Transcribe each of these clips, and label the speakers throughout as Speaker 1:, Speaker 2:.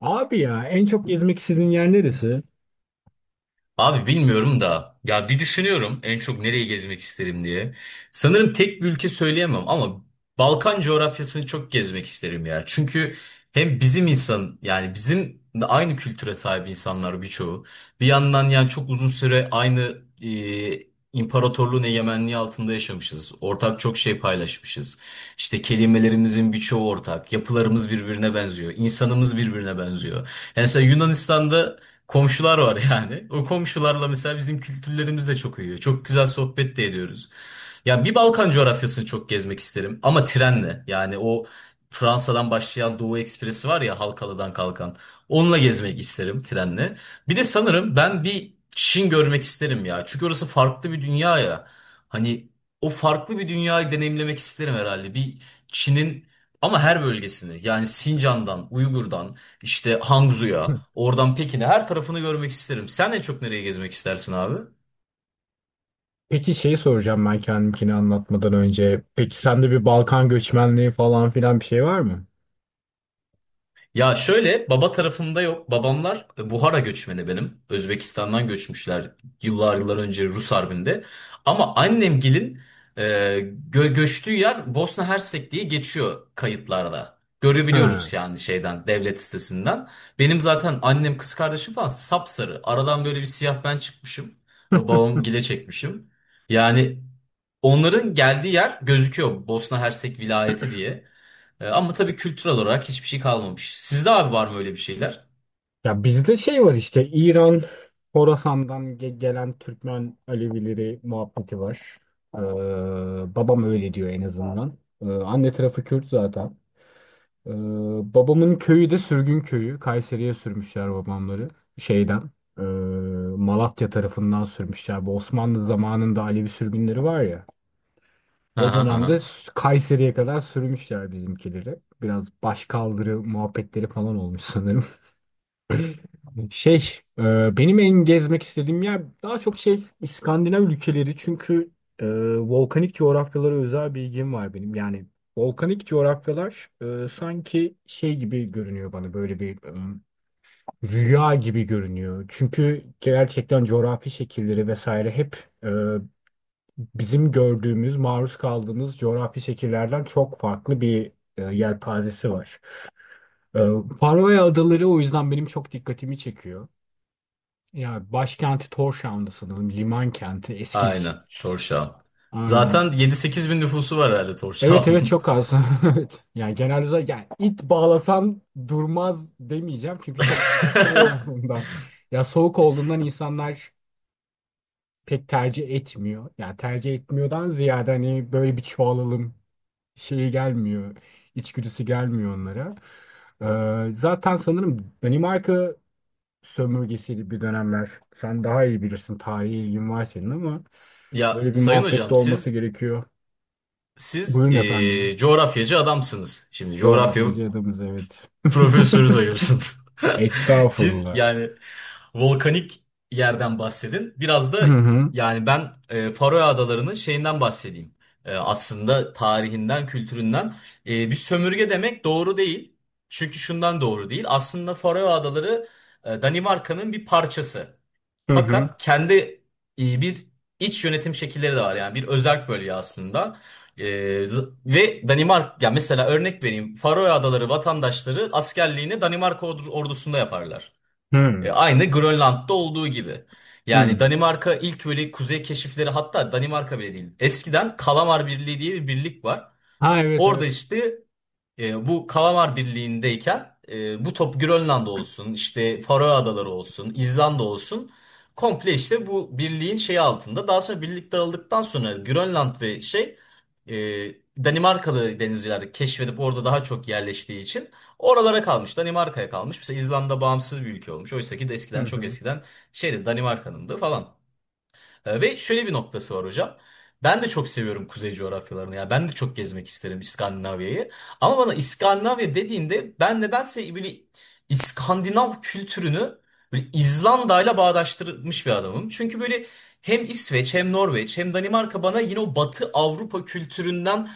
Speaker 1: Abi ya en çok gezmek istediğin yer neresi?
Speaker 2: Abi bilmiyorum da ya bir düşünüyorum en çok nereyi gezmek isterim diye. Sanırım tek bir ülke söyleyemem ama Balkan coğrafyasını çok gezmek isterim ya. Çünkü hem bizim insan yani bizim de aynı kültüre sahip insanlar birçoğu. Bir yandan yani çok uzun süre aynı imparatorluğun egemenliği altında yaşamışız. Ortak çok şey paylaşmışız. İşte kelimelerimizin birçoğu ortak. Yapılarımız birbirine benziyor. İnsanımız birbirine benziyor. Yani mesela Yunanistan'da komşular var yani. O komşularla mesela bizim kültürlerimiz de çok uyuyor. Çok güzel sohbet de ediyoruz. Ya bir Balkan coğrafyasını çok gezmek isterim ama trenle. Yani o Fransa'dan başlayan Doğu Ekspresi var ya Halkalı'dan kalkan. Onunla gezmek isterim trenle. Bir de sanırım ben bir Çin görmek isterim ya. Çünkü orası farklı bir dünya ya. Hani o farklı bir dünyayı deneyimlemek isterim herhalde. Bir Çin'in ama her bölgesini yani Sincan'dan, Uygur'dan işte Hangzhou'ya,
Speaker 1: Hı.
Speaker 2: oradan Pekin'e her tarafını görmek isterim. Sen en çok nereye gezmek istersin abi?
Speaker 1: Peki şeyi soracağım ben kendimkini anlatmadan önce. Peki sende bir Balkan göçmenliği falan filan bir şey var mı?
Speaker 2: Ya şöyle baba tarafımda yok. Babamlar Buhara göçmeni benim. Özbekistan'dan göçmüşler yıllar yıllar önce Rus Harbi'nde. Ama annemgilin e, göçtüğü yer Bosna Hersek diye geçiyor kayıtlarda.
Speaker 1: Ha.
Speaker 2: Görebiliyoruz yani şeyden devlet sitesinden. Benim zaten annem kız kardeşim falan sapsarı. Aradan böyle bir siyah ben çıkmışım. Babam gile çekmişim. Yani onların geldiği yer gözüküyor. Bosna Hersek vilayeti diye. Ama tabii kültürel olarak hiçbir şey kalmamış. Sizde abi var mı öyle bir şeyler?
Speaker 1: Ya bizde şey var işte İran, Horasan'dan gelen Türkmen Alevileri muhabbeti var. Ee, babam öyle diyor en azından. Anne tarafı Kürt zaten. Ee, babamın köyü de sürgün köyü. Kayseri'ye sürmüşler babamları. Şeyden. e, Malatya tarafından sürmüşler. Bu Osmanlı zamanında Alevi sürgünleri var ya.
Speaker 2: Hı
Speaker 1: O
Speaker 2: hı hı. Hı.
Speaker 1: dönemde Kayseri'ye kadar sürmüşler bizimkileri. Biraz başkaldırı muhabbetleri falan olmuş sanırım. Şey, benim en gezmek istediğim yer daha çok şey İskandinav ülkeleri çünkü e, volkanik coğrafyalara özel bir ilgim var benim. Yani volkanik coğrafyalar sanki şey gibi görünüyor bana böyle bir rüya gibi görünüyor. Çünkü gerçekten coğrafi şekilleri vesaire hep e, bizim gördüğümüz, maruz kaldığımız coğrafi şekillerden çok farklı bir yelpazesi var. E, Faroe Adaları o yüzden benim çok dikkatimi çekiyor. Ya başkenti Tórshavn'da sanırım. Liman kenti eski bir
Speaker 2: Aynen.
Speaker 1: şehir.
Speaker 2: Torşağın.
Speaker 1: Aynen.
Speaker 2: Zaten 7-8 bin nüfusu var herhalde
Speaker 1: Evet, evet,
Speaker 2: Torşağı'nın.
Speaker 1: çok az. Evet. Yani genelde zaten, yani it bağlasan durmaz demeyeceğim. Çünkü çok şey olduğundan. Ya soğuk olduğundan insanlar pek tercih etmiyor. Yani tercih etmiyordan ziyade hani böyle bir çoğalalım şeyi gelmiyor. İçgüdüsü gelmiyor onlara. Zaten sanırım Danimarka sömürgesiydi bir dönemler. Sen daha iyi bilirsin. Tarihi ilgin var senin ama.
Speaker 2: Ya
Speaker 1: Böyle bir
Speaker 2: Sayın
Speaker 1: muhabbette
Speaker 2: Hocam
Speaker 1: olması
Speaker 2: siz
Speaker 1: gerekiyor. Buyurun efendim.
Speaker 2: coğrafyacı adamsınız. Şimdi coğrafya
Speaker 1: Coğrafyacı adamız, evet.
Speaker 2: Profesörü sayıyorsunuz. Siz
Speaker 1: Estağfurullah.
Speaker 2: yani volkanik yerden bahsedin. Biraz
Speaker 1: Hı
Speaker 2: da
Speaker 1: hı.
Speaker 2: yani ben Faroe Adaları'nın şeyinden bahsedeyim. Aslında tarihinden, kültüründen. Bir sömürge demek doğru değil. Çünkü şundan doğru değil. Aslında Faroe Adaları Danimarka'nın bir parçası.
Speaker 1: Hı hı.
Speaker 2: Fakat kendi bir iç yönetim şekilleri de var yani bir özerk bölge aslında. E, Ve Danimarka ya mesela örnek vereyim Faroe Adaları vatandaşları askerliğini Danimarka ordusunda yaparlar.
Speaker 1: Hı
Speaker 2: Aynı Grönland'da olduğu gibi. Yani
Speaker 1: hı.
Speaker 2: Danimarka ilk böyle kuzey keşifleri hatta Danimarka bile değil. Eskiden Kalamar Birliği diye bir birlik var.
Speaker 1: Ha, evet,
Speaker 2: Orada
Speaker 1: evet.
Speaker 2: işte bu Kalamar Birliği'ndeyken bu top Grönland olsun, işte Faroe Adaları olsun, İzlanda olsun komple işte bu birliğin şeyi altında. Daha sonra birlik dağıldıktan sonra Grönland ve şey e, Danimarkalı denizciler keşfedip orada daha çok yerleştiği için oralara kalmış. Danimarka'ya kalmış. Mesela İzlanda bağımsız bir ülke olmuş. Oysa ki de
Speaker 1: Hı
Speaker 2: eskiden çok
Speaker 1: hı.
Speaker 2: eskiden şeydi, Danimarka'nındı falan. Ve şöyle bir noktası var hocam. Ben de çok seviyorum kuzey coğrafyalarını. Ya ben de çok gezmek isterim İskandinavya'yı. Ama bana İskandinavya dediğinde ben nedense böyle İskandinav kültürünü böyle İzlanda'yla bağdaştırmış bir adamım. Çünkü böyle hem İsveç hem Norveç hem Danimarka bana yine o Batı Avrupa kültüründen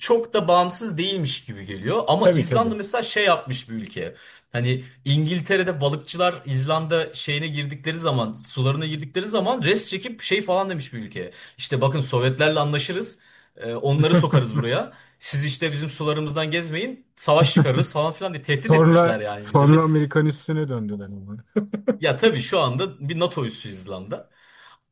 Speaker 2: çok da bağımsız değilmiş gibi geliyor. Ama
Speaker 1: Tabii,
Speaker 2: İzlanda
Speaker 1: tabii.
Speaker 2: mesela şey yapmış bir ülke. Hani İngiltere'de balıkçılar İzlanda şeyine girdikleri zaman, sularına girdikleri zaman res çekip şey falan demiş bir ülke. İşte bakın Sovyetlerle anlaşırız. Onları sokarız buraya. Siz işte bizim sularımızdan gezmeyin. Savaş çıkarırız falan filan diye tehdit
Speaker 1: Sonra
Speaker 2: etmişler yani İngilizce. Böyle,
Speaker 1: sonra Amerikan üssüne döndüler ama.
Speaker 2: ya tabii şu anda bir NATO üssü İzlanda.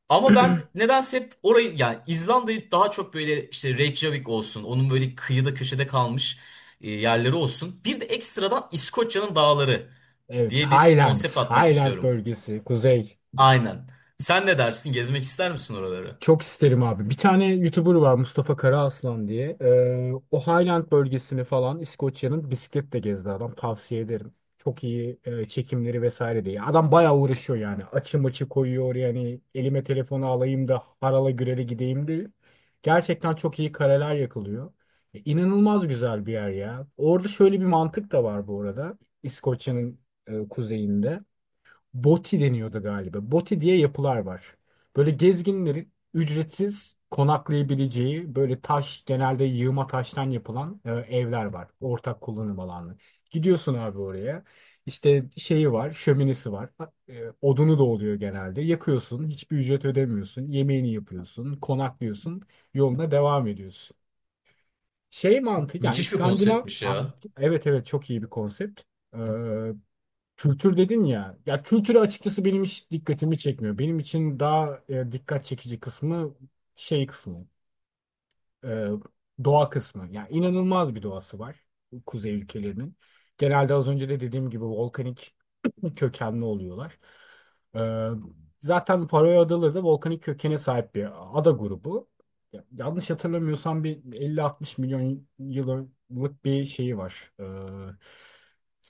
Speaker 2: Ama ben nedense hep orayı yani İzlanda'yı daha çok böyle işte Reykjavik olsun. Onun böyle kıyıda köşede kalmış yerleri olsun. Bir de ekstradan İskoçya'nın dağları
Speaker 1: Evet,
Speaker 2: diye bir konsept
Speaker 1: Highlands,
Speaker 2: atmak
Speaker 1: Highland
Speaker 2: istiyorum.
Speaker 1: bölgesi, kuzey.
Speaker 2: Aynen. Sen ne dersin? Gezmek ister misin oraları?
Speaker 1: Çok isterim abi. Bir tane YouTuber var, Mustafa Karaaslan diye. O Highland bölgesini falan İskoçya'nın bisikletle gezdi adam. Tavsiye ederim. Çok iyi çekimleri vesaire diye. Adam bayağı uğraşıyor yani. Açı maçı koyuyor yani. Elime telefonu alayım da harala gürele gideyim diye. Gerçekten çok iyi kareler yakılıyor. İnanılmaz güzel bir yer ya. Orada şöyle bir mantık da var bu arada. İskoçya'nın kuzeyinde. Boti deniyordu galiba. Boti diye yapılar var. Böyle gezginlerin ücretsiz konaklayabileceği böyle taş, genelde yığma taştan yapılan evler var. Ortak kullanım alanı. Gidiyorsun abi oraya. İşte şeyi var, şöminesi var. Odunu da oluyor genelde. Yakıyorsun, hiçbir ücret ödemiyorsun. Yemeğini yapıyorsun, konaklıyorsun. Yoluna devam ediyorsun. Şey mantık yani
Speaker 2: Müthiş bir
Speaker 1: İskandinav
Speaker 2: konseptmiş
Speaker 1: Ay,
Speaker 2: ya.
Speaker 1: evet, evet, çok iyi bir konsept. Ee, Kültür dedin ya. Ya kültürü açıkçası benim hiç dikkatimi çekmiyor. Benim için daha dikkat çekici kısmı şey kısmı e, doğa kısmı. Yani inanılmaz bir doğası var kuzey ülkelerinin. Genelde az önce de dediğim gibi volkanik kökenli oluyorlar. E, zaten Faroe Adaları da volkanik kökene sahip bir ada grubu. Yanlış hatırlamıyorsam bir 50-60 milyon yıllık bir şeyi var. E,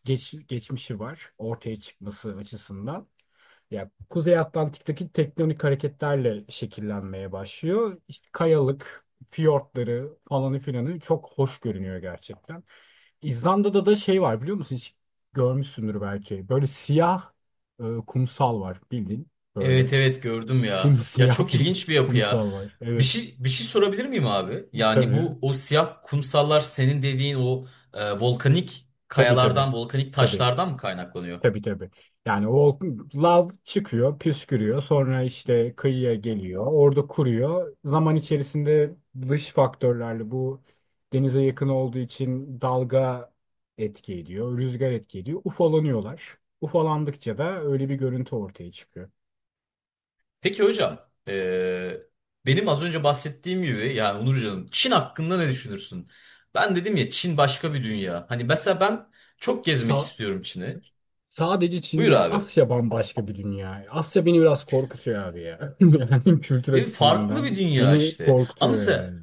Speaker 1: geç, Geçmişi var ortaya çıkması açısından. Ya Kuzey Atlantik'teki tektonik hareketlerle şekillenmeye başlıyor. İşte kayalık, fiyortları falanı filanı çok hoş görünüyor gerçekten. İzlanda'da da şey var biliyor musun? Hiç görmüşsündür belki. Böyle siyah kumsal var bildiğin
Speaker 2: Evet
Speaker 1: böyle.
Speaker 2: evet gördüm ya. Ya
Speaker 1: Simsiyah
Speaker 2: çok
Speaker 1: bir
Speaker 2: ilginç bir yapı ya.
Speaker 1: kumsal var.
Speaker 2: Bir
Speaker 1: Evet,
Speaker 2: şey bir şey sorabilir miyim abi? Yani
Speaker 1: tabii.
Speaker 2: bu o siyah kumsallar senin dediğin o volkanik
Speaker 1: Tabii, tabii.
Speaker 2: kayalardan, volkanik
Speaker 1: Tabii.
Speaker 2: taşlardan mı kaynaklanıyor?
Speaker 1: Tabii, tabii. Yani o lav çıkıyor, püskürüyor. Sonra işte kıyıya geliyor. Orada kuruyor. Zaman içerisinde dış faktörlerle bu denize yakın olduğu için dalga etki ediyor, rüzgar etki ediyor. Ufalanıyorlar. Ufalandıkça da öyle bir görüntü ortaya çıkıyor.
Speaker 2: Peki hocam, e, benim az önce bahsettiğim gibi yani Onurcan'ım Çin hakkında ne düşünürsün? Ben dedim ya Çin başka bir dünya. Hani mesela ben çok gezmek
Speaker 1: Sa-
Speaker 2: istiyorum Çin'i.
Speaker 1: sadece Çin
Speaker 2: Buyur
Speaker 1: değil,
Speaker 2: abi.
Speaker 1: Asya bambaşka bir dünya. Asya beni biraz korkutuyor abi ya. Yani kültür
Speaker 2: Ve farklı bir
Speaker 1: açısından
Speaker 2: dünya
Speaker 1: beni
Speaker 2: işte. Ama
Speaker 1: korkutuyor
Speaker 2: mesela
Speaker 1: yani.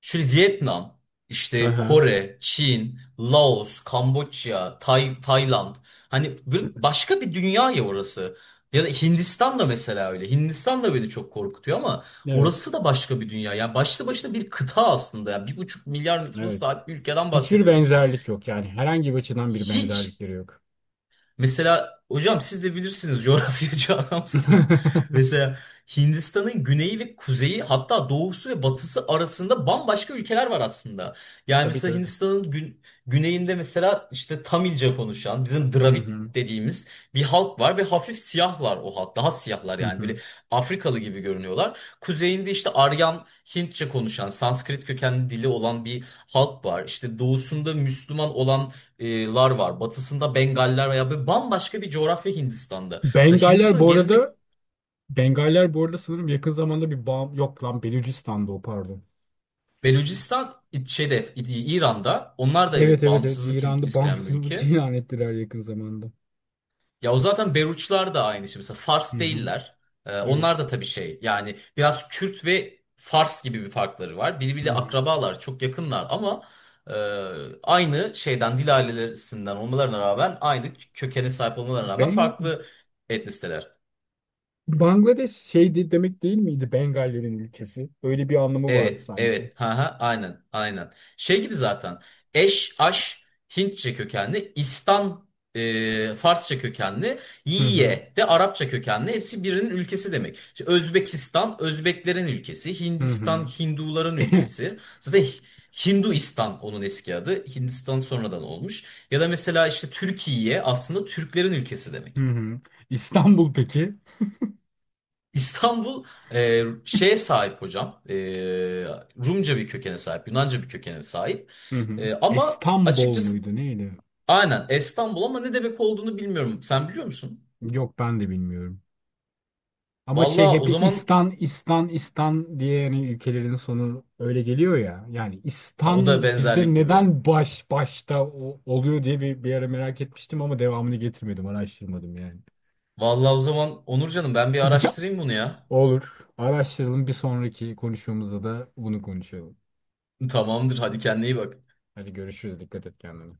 Speaker 2: şöyle Vietnam, işte
Speaker 1: Aha,
Speaker 2: Kore, Çin, Laos, Kamboçya, Tayland. Hani başka bir dünya ya orası. Ya da Hindistan da mesela öyle. Hindistan da beni çok korkutuyor ama
Speaker 1: evet,
Speaker 2: orası da başka bir dünya. Yani başlı başına bir kıta aslında. Yani 1,5 milyar nüfusa
Speaker 1: evet.
Speaker 2: sahip bir ülkeden
Speaker 1: Hiçbir
Speaker 2: bahsediyoruz.
Speaker 1: benzerlik yok yani. Herhangi bir açıdan bir
Speaker 2: Hiç
Speaker 1: benzerlikleri yok.
Speaker 2: Mesela hocam siz de bilirsiniz coğrafyacı adamsınız. Mesela Hindistan'ın güneyi ve kuzeyi hatta doğusu ve batısı arasında bambaşka ülkeler var aslında. Yani
Speaker 1: Tabii,
Speaker 2: mesela
Speaker 1: tabii.
Speaker 2: Hindistan'ın güneyinde mesela işte Tamilce konuşan bizim
Speaker 1: Hı
Speaker 2: Dravid
Speaker 1: hı.
Speaker 2: dediğimiz bir halk var ve hafif siyahlar o halk. Daha siyahlar
Speaker 1: Hı
Speaker 2: yani böyle
Speaker 1: hı.
Speaker 2: Afrikalı gibi görünüyorlar. Kuzeyinde işte Aryan Hintçe konuşan, Sanskrit kökenli dili olan bir halk var. İşte doğusunda Müslüman olan lar var. Batısında Bengaller veya böyle bambaşka bir coğrafya Hindistan'da. Mesela
Speaker 1: Bengaller
Speaker 2: Hindistan'ı
Speaker 1: bu
Speaker 2: gezmek
Speaker 1: arada Bengaller bu arada sanırım yakın zamanda bir bağım yok lan Belucistan'da o, pardon.
Speaker 2: Belucistan şeyde İran'da. Onlar da
Speaker 1: Evet,
Speaker 2: evet
Speaker 1: evet, evet,
Speaker 2: bağımsızlık
Speaker 1: İran'da
Speaker 2: isteyen bir
Speaker 1: bağımsızlık
Speaker 2: ülke.
Speaker 1: ilan ettiler yakın zamanda.
Speaker 2: Ya o zaten Beruçlar da aynı şey. Mesela
Speaker 1: Hı
Speaker 2: Fars
Speaker 1: hı.
Speaker 2: değiller. Onlar
Speaker 1: Evet.
Speaker 2: da tabii şey yani biraz Kürt ve Fars gibi bir farkları var.
Speaker 1: Hı
Speaker 2: Birbiriyle
Speaker 1: hı.
Speaker 2: akrabalar çok yakınlar ama e, aynı şeyden dil ailelerinden olmalarına rağmen aynı kökene sahip olmalarına rağmen
Speaker 1: Ben
Speaker 2: farklı etnisiteler.
Speaker 1: Bangladeş şeydi demek değil miydi Bengallerin ülkesi? Öyle bir anlamı vardı
Speaker 2: Evet,
Speaker 1: sanki.
Speaker 2: evet. Ha ha, aynen, aynen. Şey gibi zaten. Eş, aş, Hintçe kökenli, İstan Farsça kökenli,
Speaker 1: Hı hı.
Speaker 2: Yiye de Arapça kökenli. Hepsi birinin ülkesi demek. İşte Özbekistan, Özbeklerin ülkesi.
Speaker 1: Hı
Speaker 2: Hindistan,
Speaker 1: hı.
Speaker 2: Hinduların ülkesi. Zaten Hinduistan onun eski adı. Hindistan sonradan olmuş. Ya da mesela işte Türkiye aslında Türklerin ülkesi
Speaker 1: Hı
Speaker 2: demek.
Speaker 1: hı. İstanbul peki?
Speaker 2: İstanbul şeye sahip hocam. Rumca bir kökene sahip, Yunanca bir kökene sahip.
Speaker 1: Hı hı.
Speaker 2: Ama
Speaker 1: İstanbul
Speaker 2: açıkçası
Speaker 1: muydu neydi?
Speaker 2: aynen İstanbul ama ne demek olduğunu bilmiyorum. Sen biliyor musun?
Speaker 1: Yok, ben de bilmiyorum. Ama şey,
Speaker 2: Vallahi o
Speaker 1: hep
Speaker 2: zaman
Speaker 1: İstan, İstan, İstan diye yani ülkelerin sonu öyle geliyor ya. Yani
Speaker 2: o da
Speaker 1: İstan bizde
Speaker 2: benzerlik gibi.
Speaker 1: neden baş başta oluyor diye bir, bir ara merak etmiştim ama devamını getirmedim, araştırmadım yani.
Speaker 2: Vallahi o zaman Onurcan'ım ben bir araştırayım bunu ya.
Speaker 1: Olur. Araştıralım, bir sonraki konuşmamızda da bunu konuşalım.
Speaker 2: Tamamdır hadi kendine iyi bak.
Speaker 1: Hadi görüşürüz. Dikkat et kendine.